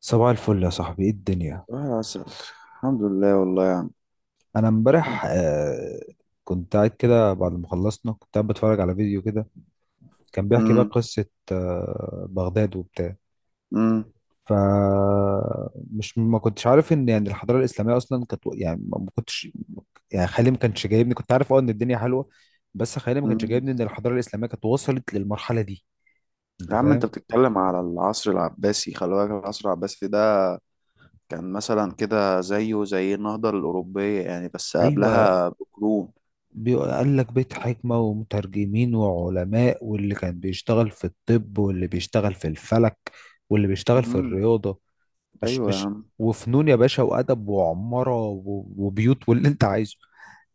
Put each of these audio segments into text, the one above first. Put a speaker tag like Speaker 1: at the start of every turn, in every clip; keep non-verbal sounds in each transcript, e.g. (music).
Speaker 1: صباح الفل يا صاحبي، ايه الدنيا؟
Speaker 2: صباح العسل. الحمد لله والله يا عم.
Speaker 1: انا امبارح كنت قاعد كده بعد ما خلصنا، كنت قاعد بتفرج على فيديو كده. كان بيحكي بقى
Speaker 2: امم.
Speaker 1: قصة بغداد وبتاع.
Speaker 2: امم.
Speaker 1: ف مش ما كنتش عارف ان يعني الحضارة الإسلامية اصلا كانت، يعني ما كنتش، يعني خيالي ما كانش جايبني. كنت عارف ان الدنيا حلوة، بس خيالي ما كانش
Speaker 2: أمم.
Speaker 1: جايبني ان الحضارة الإسلامية كانت وصلت للمرحلة دي. انت
Speaker 2: يا عم، انت
Speaker 1: فاهم؟
Speaker 2: بتتكلم على العصر العباسي. خلي بالك، العصر العباسي ده كان مثلا كده زيه زي النهضة الأوروبية يعني، بس
Speaker 1: ايوه،
Speaker 2: قبلها بقرون.
Speaker 1: بيقول لك بيت حكمة ومترجمين وعلماء، واللي كان بيشتغل في الطب، واللي بيشتغل في الفلك، واللي بيشتغل في
Speaker 2: امم.
Speaker 1: الرياضة. مش
Speaker 2: ايوه يا
Speaker 1: مش
Speaker 2: عم.
Speaker 1: وفنون يا باشا، وأدب وعمارة وبيوت واللي أنت عايزه.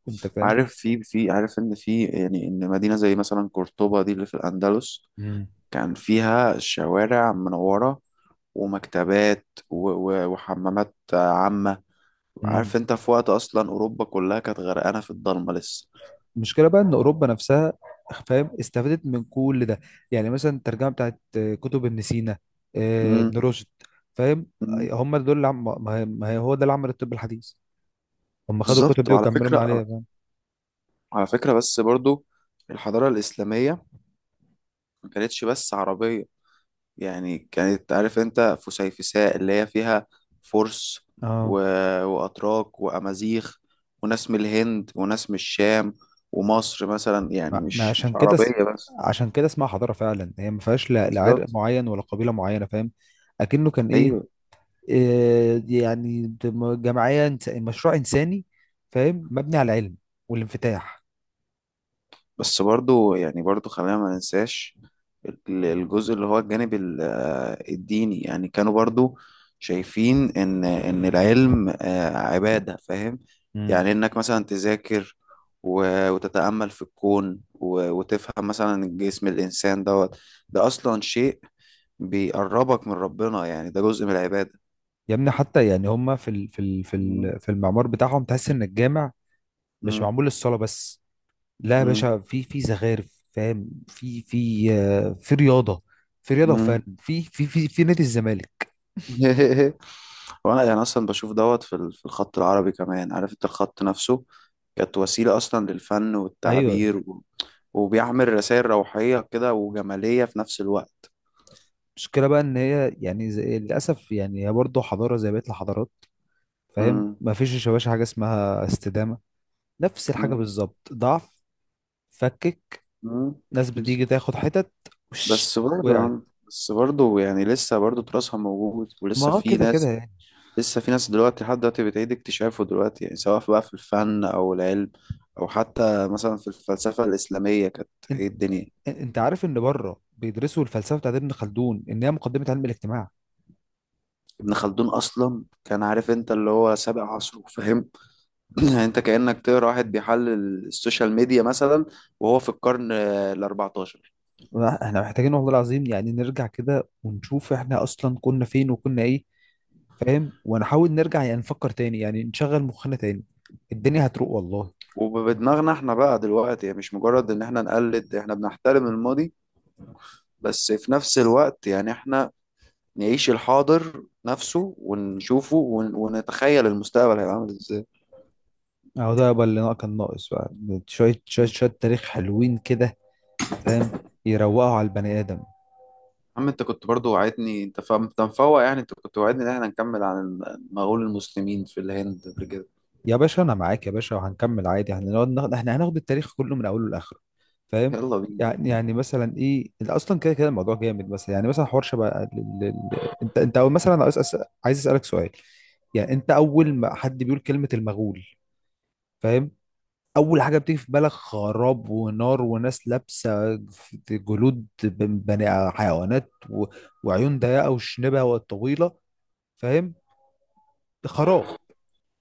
Speaker 1: أنت فاهم؟
Speaker 2: عارف في عارف ان في، يعني ان مدينة زي مثلا قرطبة دي اللي في الأندلس
Speaker 1: مم.
Speaker 2: كان فيها شوارع منورة، ومكتبات وحمامات عامة.
Speaker 1: مم.
Speaker 2: عارف انت، في وقت اصلا أوروبا كلها كانت غرقانة في الضلمة لسه.
Speaker 1: المشكلة بقى إن أوروبا نفسها، فاهم، استفادت من كل ده. يعني مثلا الترجمة بتاعت كتب ابن سينا، ابن رشد. فاهم؟
Speaker 2: مم.
Speaker 1: هم دول اللي ما هي ما هي- هو ده اللي عمل الطب الحديث. هم خدوا الكتب
Speaker 2: بالظبط،
Speaker 1: دي
Speaker 2: وعلى
Speaker 1: وكملوا من
Speaker 2: فكرة
Speaker 1: عليها، فاهم؟
Speaker 2: على فكرة بس برضو الحضارة الإسلامية ما كانتش بس عربية. يعني كانت، عارف أنت، فسيفساء اللي هي فيها فرس و...
Speaker 1: اه.
Speaker 2: وأتراك وأمازيغ، وناس من الهند وناس من الشام ومصر مثلا، يعني
Speaker 1: ما ما
Speaker 2: مش
Speaker 1: عشان كده اس-
Speaker 2: عربية بس.
Speaker 1: عشان كده اسمها حضارة فعلا، هي ما فيهاش لا لا عرق
Speaker 2: بالظبط.
Speaker 1: معين ولا قبيلة معينة، فاهم. اكنه كان ايه؟
Speaker 2: أيوه.
Speaker 1: إيه يعني، جمعية مشروع انساني، فاهم، مبني على العلم والانفتاح.
Speaker 2: بس برضو، يعني برضو خلينا ما ننساش الجزء اللي هو الجانب الديني. يعني كانوا برضو شايفين ان العلم عبادة، فاهم.
Speaker 1: امم.
Speaker 2: يعني انك مثلا تذاكر وتتأمل في الكون وتفهم مثلا جسم الإنسان دوت. ده أصلا شيء بيقربك من ربنا، يعني ده جزء من العبادة.
Speaker 1: يا ابني حتى يعني هما في ال في ال في
Speaker 2: مم.
Speaker 1: ال في المعمار بتاعهم تحس ان الجامع مش
Speaker 2: مم.
Speaker 1: معمول للصلاة بس. لا يا
Speaker 2: مم.
Speaker 1: باشا، في زخارف، فاهم، في رياضة، في رياضة وفن،
Speaker 2: مم.
Speaker 1: في نادي الزمالك.
Speaker 2: (laughs) وانا يعني اصلا بشوف دوت في في الخط العربي كمان. عارف انت، الخط نفسه كانت وسيله اصلا للفن
Speaker 1: ايوه.
Speaker 2: والتعبير وبيعمل رسائل روحيه كده وجماليه في نفس الوقت.
Speaker 1: المشكلة بقى إن هي يعني زي للأسف، يعني هي برضه حضارة زي بقية الحضارات، فاهم،
Speaker 2: مم.
Speaker 1: مفيش يا باشا حاجة اسمها استدامة. نفس الحاجة
Speaker 2: مم.
Speaker 1: بالظبط، ضعف، فكك،
Speaker 2: مم.
Speaker 1: ناس بتيجي
Speaker 2: بالظبط.
Speaker 1: تاخد حتت، وش،
Speaker 2: بس
Speaker 1: وقعت.
Speaker 2: برضه بس برضه يعني، لسه برضه تراثها موجود
Speaker 1: ما
Speaker 2: ولسه
Speaker 1: هو
Speaker 2: في
Speaker 1: كده كده
Speaker 2: ناس.
Speaker 1: يعني.
Speaker 2: لسه في ناس دلوقتي، لحد دلوقتي بتعيد اكتشافه دلوقتي، يعني سواء بقى في الفن او العلم، او حتى مثلا في الفلسفه الاسلاميه كانت
Speaker 1: انت,
Speaker 2: ايه الدنيا.
Speaker 1: انت عارف إن بره بيدرسوا الفلسفة بتاعت ابن خلدون إن هي مقدمة علم الاجتماع.
Speaker 2: ابن خلدون اصلا، كان عارف انت اللي هو سابق عصره، فاهم. (clears throat) يعني انت كأنك تقرا واحد بيحلل السوشيال ميديا مثلا، وهو في القرن ال 14.
Speaker 1: احنا محتاجين والله العظيم يعني نرجع كده ونشوف احنا أصلا كنا فين وكنا إيه، فاهم، ونحاول نرجع يعني نفكر تاني، يعني نشغل مخنا تاني. الدنيا هتروق والله.
Speaker 2: وبدماغنا احنا بقى دلوقتي، يعني مش مجرد ان احنا نقلد، احنا بنحترم الماضي، بس في نفس الوقت يعني احنا نعيش الحاضر نفسه ونشوفه ونتخيل المستقبل هيبقى عامل ازاي.
Speaker 1: اهو ده بقى اللي كان ناقص بقى، شوية شوية
Speaker 2: يا
Speaker 1: شوية تاريخ حلوين كده، فاهم، يروقوا على البني آدم.
Speaker 2: عم، انت كنت برضو وعدتني، انت فاهم، انت مفوق. يعني انت كنت وعدتني ان احنا نكمل عن المغول المسلمين في الهند قبل كده.
Speaker 1: يا باشا أنا معاك يا باشا، وهنكمل عادي، هنقعد ناخد، احنا هناخد التاريخ كله من أوله لآخره، فاهم.
Speaker 2: يلا بينا.
Speaker 1: يعني مثلا إيه اللي أصلا كده كده الموضوع جامد، مثلا يعني مثلا حوار شبه أنت أول، مثلا عايز عايز أسألك سؤال. يعني أنت أول ما حد بيقول كلمة المغول، فاهم، اول حاجه بتيجي في بالك خراب ونار وناس لابسه جلود بني حيوانات، و... وعيون ضيقه وشنبه وطويله، فاهم. خراب.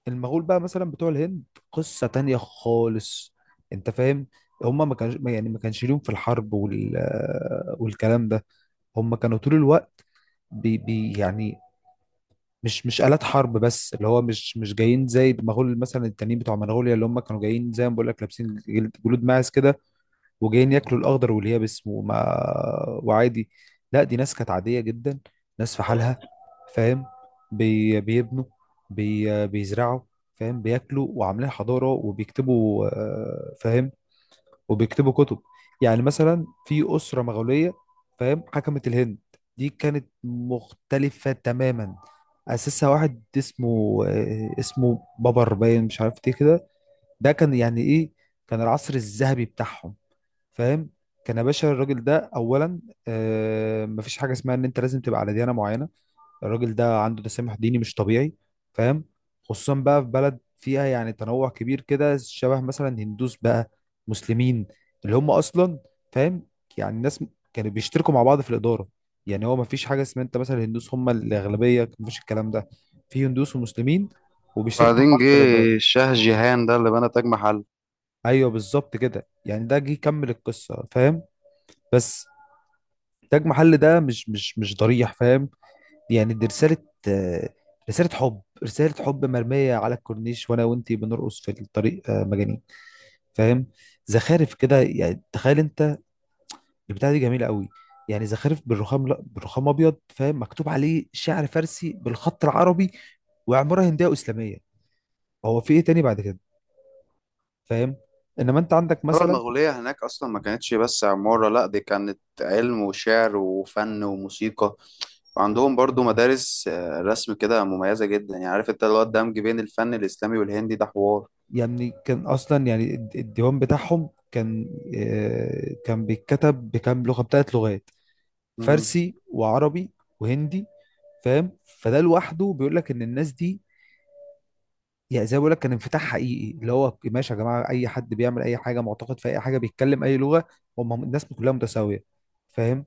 Speaker 1: المغول بقى مثلا بتوع الهند، قصه تانية خالص، انت فاهم. هم ما كانش يعني ما كانش ليهم في الحرب وال... والكلام ده. هم كانوا طول الوقت بي... بي يعني مش آلات حرب بس، اللي هو مش جايين زي المغول مثلا التانيين بتوع منغوليا، اللي هم كانوا جايين زي ما بقول لك، لابسين جلود ماعز كده، وجايين ياكلوا الاخضر واليابس وما، وعادي. لا، دي ناس كانت عاديه جدا، ناس في حالها، فاهم. بيبنوا، بيزرعوا، فاهم، بياكلوا وعاملين حضاره وبيكتبوا، فاهم، وبيكتبوا كتب. يعني مثلا في اسره مغوليه، فاهم، حكمت الهند، دي كانت مختلفه تماما. اسسها واحد اسمه بابر باين، مش عارف ايه كده. ده كان يعني ايه؟ كان العصر الذهبي بتاعهم، فاهم. كان يا باشا الراجل ده اولا، مفيش حاجه اسمها ان انت لازم تبقى على ديانه معينه. الراجل ده عنده تسامح ديني مش طبيعي، فاهم، خصوصا بقى في بلد فيها يعني تنوع كبير كده شبه، مثلا هندوس بقى، مسلمين، اللي هم اصلا، فاهم. يعني الناس كانوا بيشتركوا مع بعض في الاداره. يعني هو مفيش حاجه اسمها انت مثلا هندوس هم الاغلبيه، مفيش الكلام ده، في هندوس ومسلمين وبيشتركوا مع
Speaker 2: وبعدين
Speaker 1: بعض
Speaker 2: جه
Speaker 1: في الاداره.
Speaker 2: الشاه جيهان ده اللي بنى تاج محل.
Speaker 1: ايوه بالظبط كده، يعني ده جه يكمل القصه، فاهم. بس تاج محل ده مش ضريح، فاهم. يعني دي رسالة، آه، رسالة حب، رسالة حب مرمية على الكورنيش وانا وانتي بنرقص في الطريق، مجانين، فاهم. زخارف كده، يعني تخيل انت، البتاعة دي جميلة قوي، يعني زخارف بالرخام، لا بالرخام ابيض، فاهم، مكتوب عليه شعر فارسي بالخط العربي، وعمارة هندية واسلامية. هو في ايه تاني بعد كده، فاهم؟ انما انت عندك
Speaker 2: الحضارة
Speaker 1: مثلا،
Speaker 2: المغولية هناك أصلا ما كانتش بس عمارة، لأ دي كانت علم وشعر وفن وموسيقى. وعندهم برضو مدارس رسم كده مميزة جدا. يعني عارف انت، اللي هو الدمج بين الفن الإسلامي والهندي ده حوار.
Speaker 1: يعني كان اصلا يعني الديوان بتاعهم كان، كان بيتكتب بكام لغة، بتلات لغات،
Speaker 2: مم.
Speaker 1: فارسي وعربي وهندي، فاهم. فده لوحده بيقول لك ان الناس دي، يعني زي ما بقول لك، كان انفتاح حقيقي، اللي هو ماشي يا جماعه، اي حد بيعمل اي حاجه، معتقد في اي حاجه، بيتكلم اي لغه، هم الناس كلها متساويه، فاهم.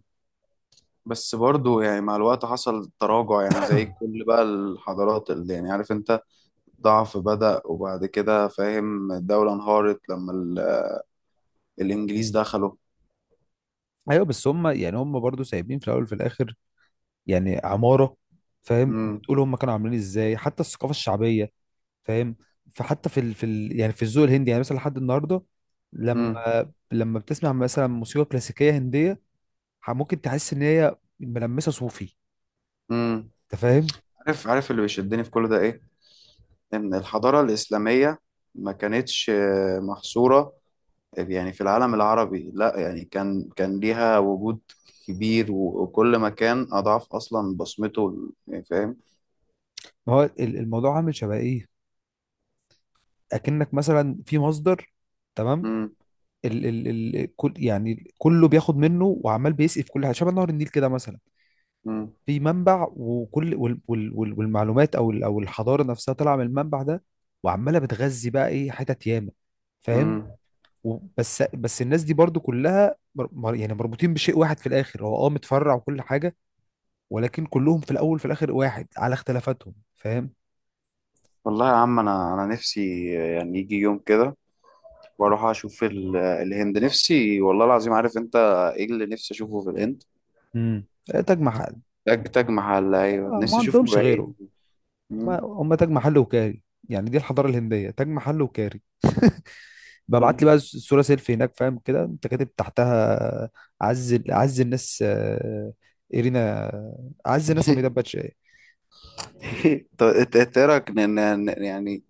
Speaker 2: بس برضو يعني مع الوقت حصل تراجع، يعني زي
Speaker 1: (coughs) (clears throat)
Speaker 2: كل بقى الحضارات، اللي يعني عارف انت، ضعف بدأ، وبعد كده فاهم الدولة انهارت لما الإنجليز دخلوا.
Speaker 1: ايوه، بس هم يعني هم برضو سايبين في الاول وفي الاخر، يعني عماره، فاهم،
Speaker 2: مم.
Speaker 1: بتقول هم كانوا عاملين ازاي، حتى الثقافه الشعبيه، فاهم. فحتى يعني في الذوق الهندي، يعني مثلا لحد النهارده،
Speaker 2: مم.
Speaker 1: لما، لما بتسمع مثلا موسيقى كلاسيكيه هنديه، ممكن تحس ان هي ملمسه صوفي،
Speaker 2: مم.
Speaker 1: انت فاهم.
Speaker 2: عارف اللي بيشدني في كل ده ايه. ان الحضارة الإسلامية ما كانتش محصورة، يعني في العالم العربي، لا، يعني كان ليها وجود كبير وكل مكان أضعاف أصلا بصمته، يعني فاهم.
Speaker 1: ما هو الموضوع عامل شبه ايه، اكنك مثلا في مصدر، تمام،
Speaker 2: مم.
Speaker 1: ال ال ال كل، يعني كله بياخد منه، وعمال بيسقي في كل حاجه، شبه نهر النيل كده مثلا.
Speaker 2: مم.
Speaker 1: في منبع، وكل والمعلومات او او الحضاره نفسها طالعه من المنبع ده، وعماله بتغذي بقى ايه حتت ياما، فاهم.
Speaker 2: مم.
Speaker 1: بس الناس دي برضو كلها يعني مربوطين بشيء واحد في الاخر، هو متفرع وكل حاجه، ولكن كلهم في الاول في الاخر واحد على اختلافاتهم، فاهم.
Speaker 2: والله يا عم، أنا نفسي يعني يجي يوم كده وأروح أشوف الهند. نفسي والله العظيم، عارف أنت إيه اللي نفسي أشوفه في الهند.
Speaker 1: امم تاج محل.
Speaker 2: تاج محل، أيوه
Speaker 1: ما
Speaker 2: نفسي أشوفه
Speaker 1: عندهمش غيره.
Speaker 2: بعيني. مم.
Speaker 1: ما هم تاج محل وكاري، يعني دي الحضاره الهنديه، تاج محل وكاري. ببعت
Speaker 2: مم.
Speaker 1: لي بقى الصوره سيلفي هناك، فاهم كده، انت كاتب تحتها عز الناس، ايرينا، عز الناس حميدة
Speaker 2: (laughs)
Speaker 1: باتشاي.
Speaker 2: (laughs) طب انت ايه رايك، ن- ن- ن- يعني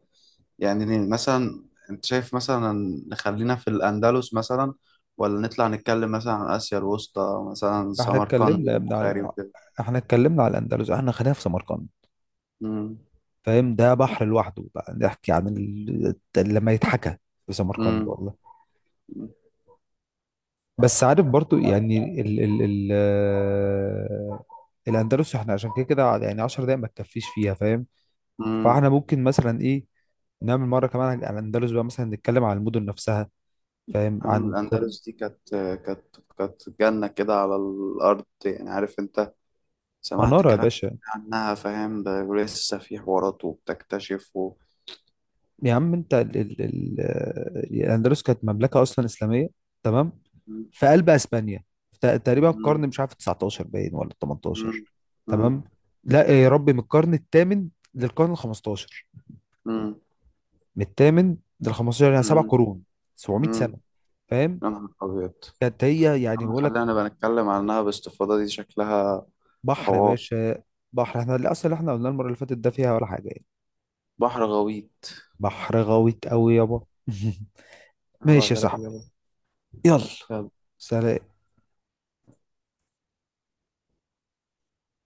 Speaker 2: يعني ن- مثلا، انت شايف مثلا نخلينا في الاندلس مثلا، ولا نطلع نتكلم مثلا عن اسيا الوسطى، مثلا
Speaker 1: احنا
Speaker 2: سمرقند
Speaker 1: اتكلمنا يا ابني
Speaker 2: والبخاري
Speaker 1: على،
Speaker 2: وكده.
Speaker 1: احنا اتكلمنا على الاندلس، احنا خلينا في سمرقند،
Speaker 2: امم.
Speaker 1: فاهم. ده بحر لوحده بقى، نحكي عن ال... لما يتحكى في سمرقند
Speaker 2: امم.
Speaker 1: والله. بس عارف برضو، يعني ال ال ال آه، الاندلس احنا عشان كده كده يعني 10 دقايق ما تكفيش فيها، فاهم.
Speaker 2: امم.
Speaker 1: فاحنا ممكن مثلا ايه، نعمل مره كمان عن الاندلس بقى، مثلا نتكلم عن المدن نفسها، فاهم،
Speaker 2: عم
Speaker 1: عن
Speaker 2: الاندلس دي كانت، كانت جنه كده على الارض. يعني عارف انت، سمعت
Speaker 1: مناره يا
Speaker 2: كلام
Speaker 1: باشا.
Speaker 2: عنها، فاهم، ده ولسه في حوارات وبتكتشف
Speaker 1: يا عم انت ال ال ال آه، الاندلس كانت مملكه اصلا اسلاميه، تمام،
Speaker 2: مم.
Speaker 1: في قلب اسبانيا. تقريبا
Speaker 2: مم.
Speaker 1: القرن مش عارف 19 باين ولا
Speaker 2: مم.
Speaker 1: 18، تمام. لا يا ربي، من القرن الثامن للقرن ال 15،
Speaker 2: مم.
Speaker 1: من الثامن لل 15، يعني سبع
Speaker 2: مم.
Speaker 1: قرون 700
Speaker 2: مم.
Speaker 1: سنه، فاهم.
Speaker 2: يا نهار أبيض. يا
Speaker 1: كانت هي يعني،
Speaker 2: عم،
Speaker 1: بقول لك،
Speaker 2: خلينا بقى نتكلم عنها باستفاضة، دي شكلها
Speaker 1: بحر يا
Speaker 2: حوار.
Speaker 1: باشا. بحر، احنا الاصل اللي احنا قلنا المره اللي فاتت ده فيها ولا حاجه يعني.
Speaker 2: بحر غويط.
Speaker 1: بحر غويط قوي يابا. (laughs)
Speaker 2: أنا
Speaker 1: ماشي يا
Speaker 2: بغرق
Speaker 1: صاحبي.
Speaker 2: يابا.
Speaker 1: يلا.
Speaker 2: يلا.
Speaker 1: سلام.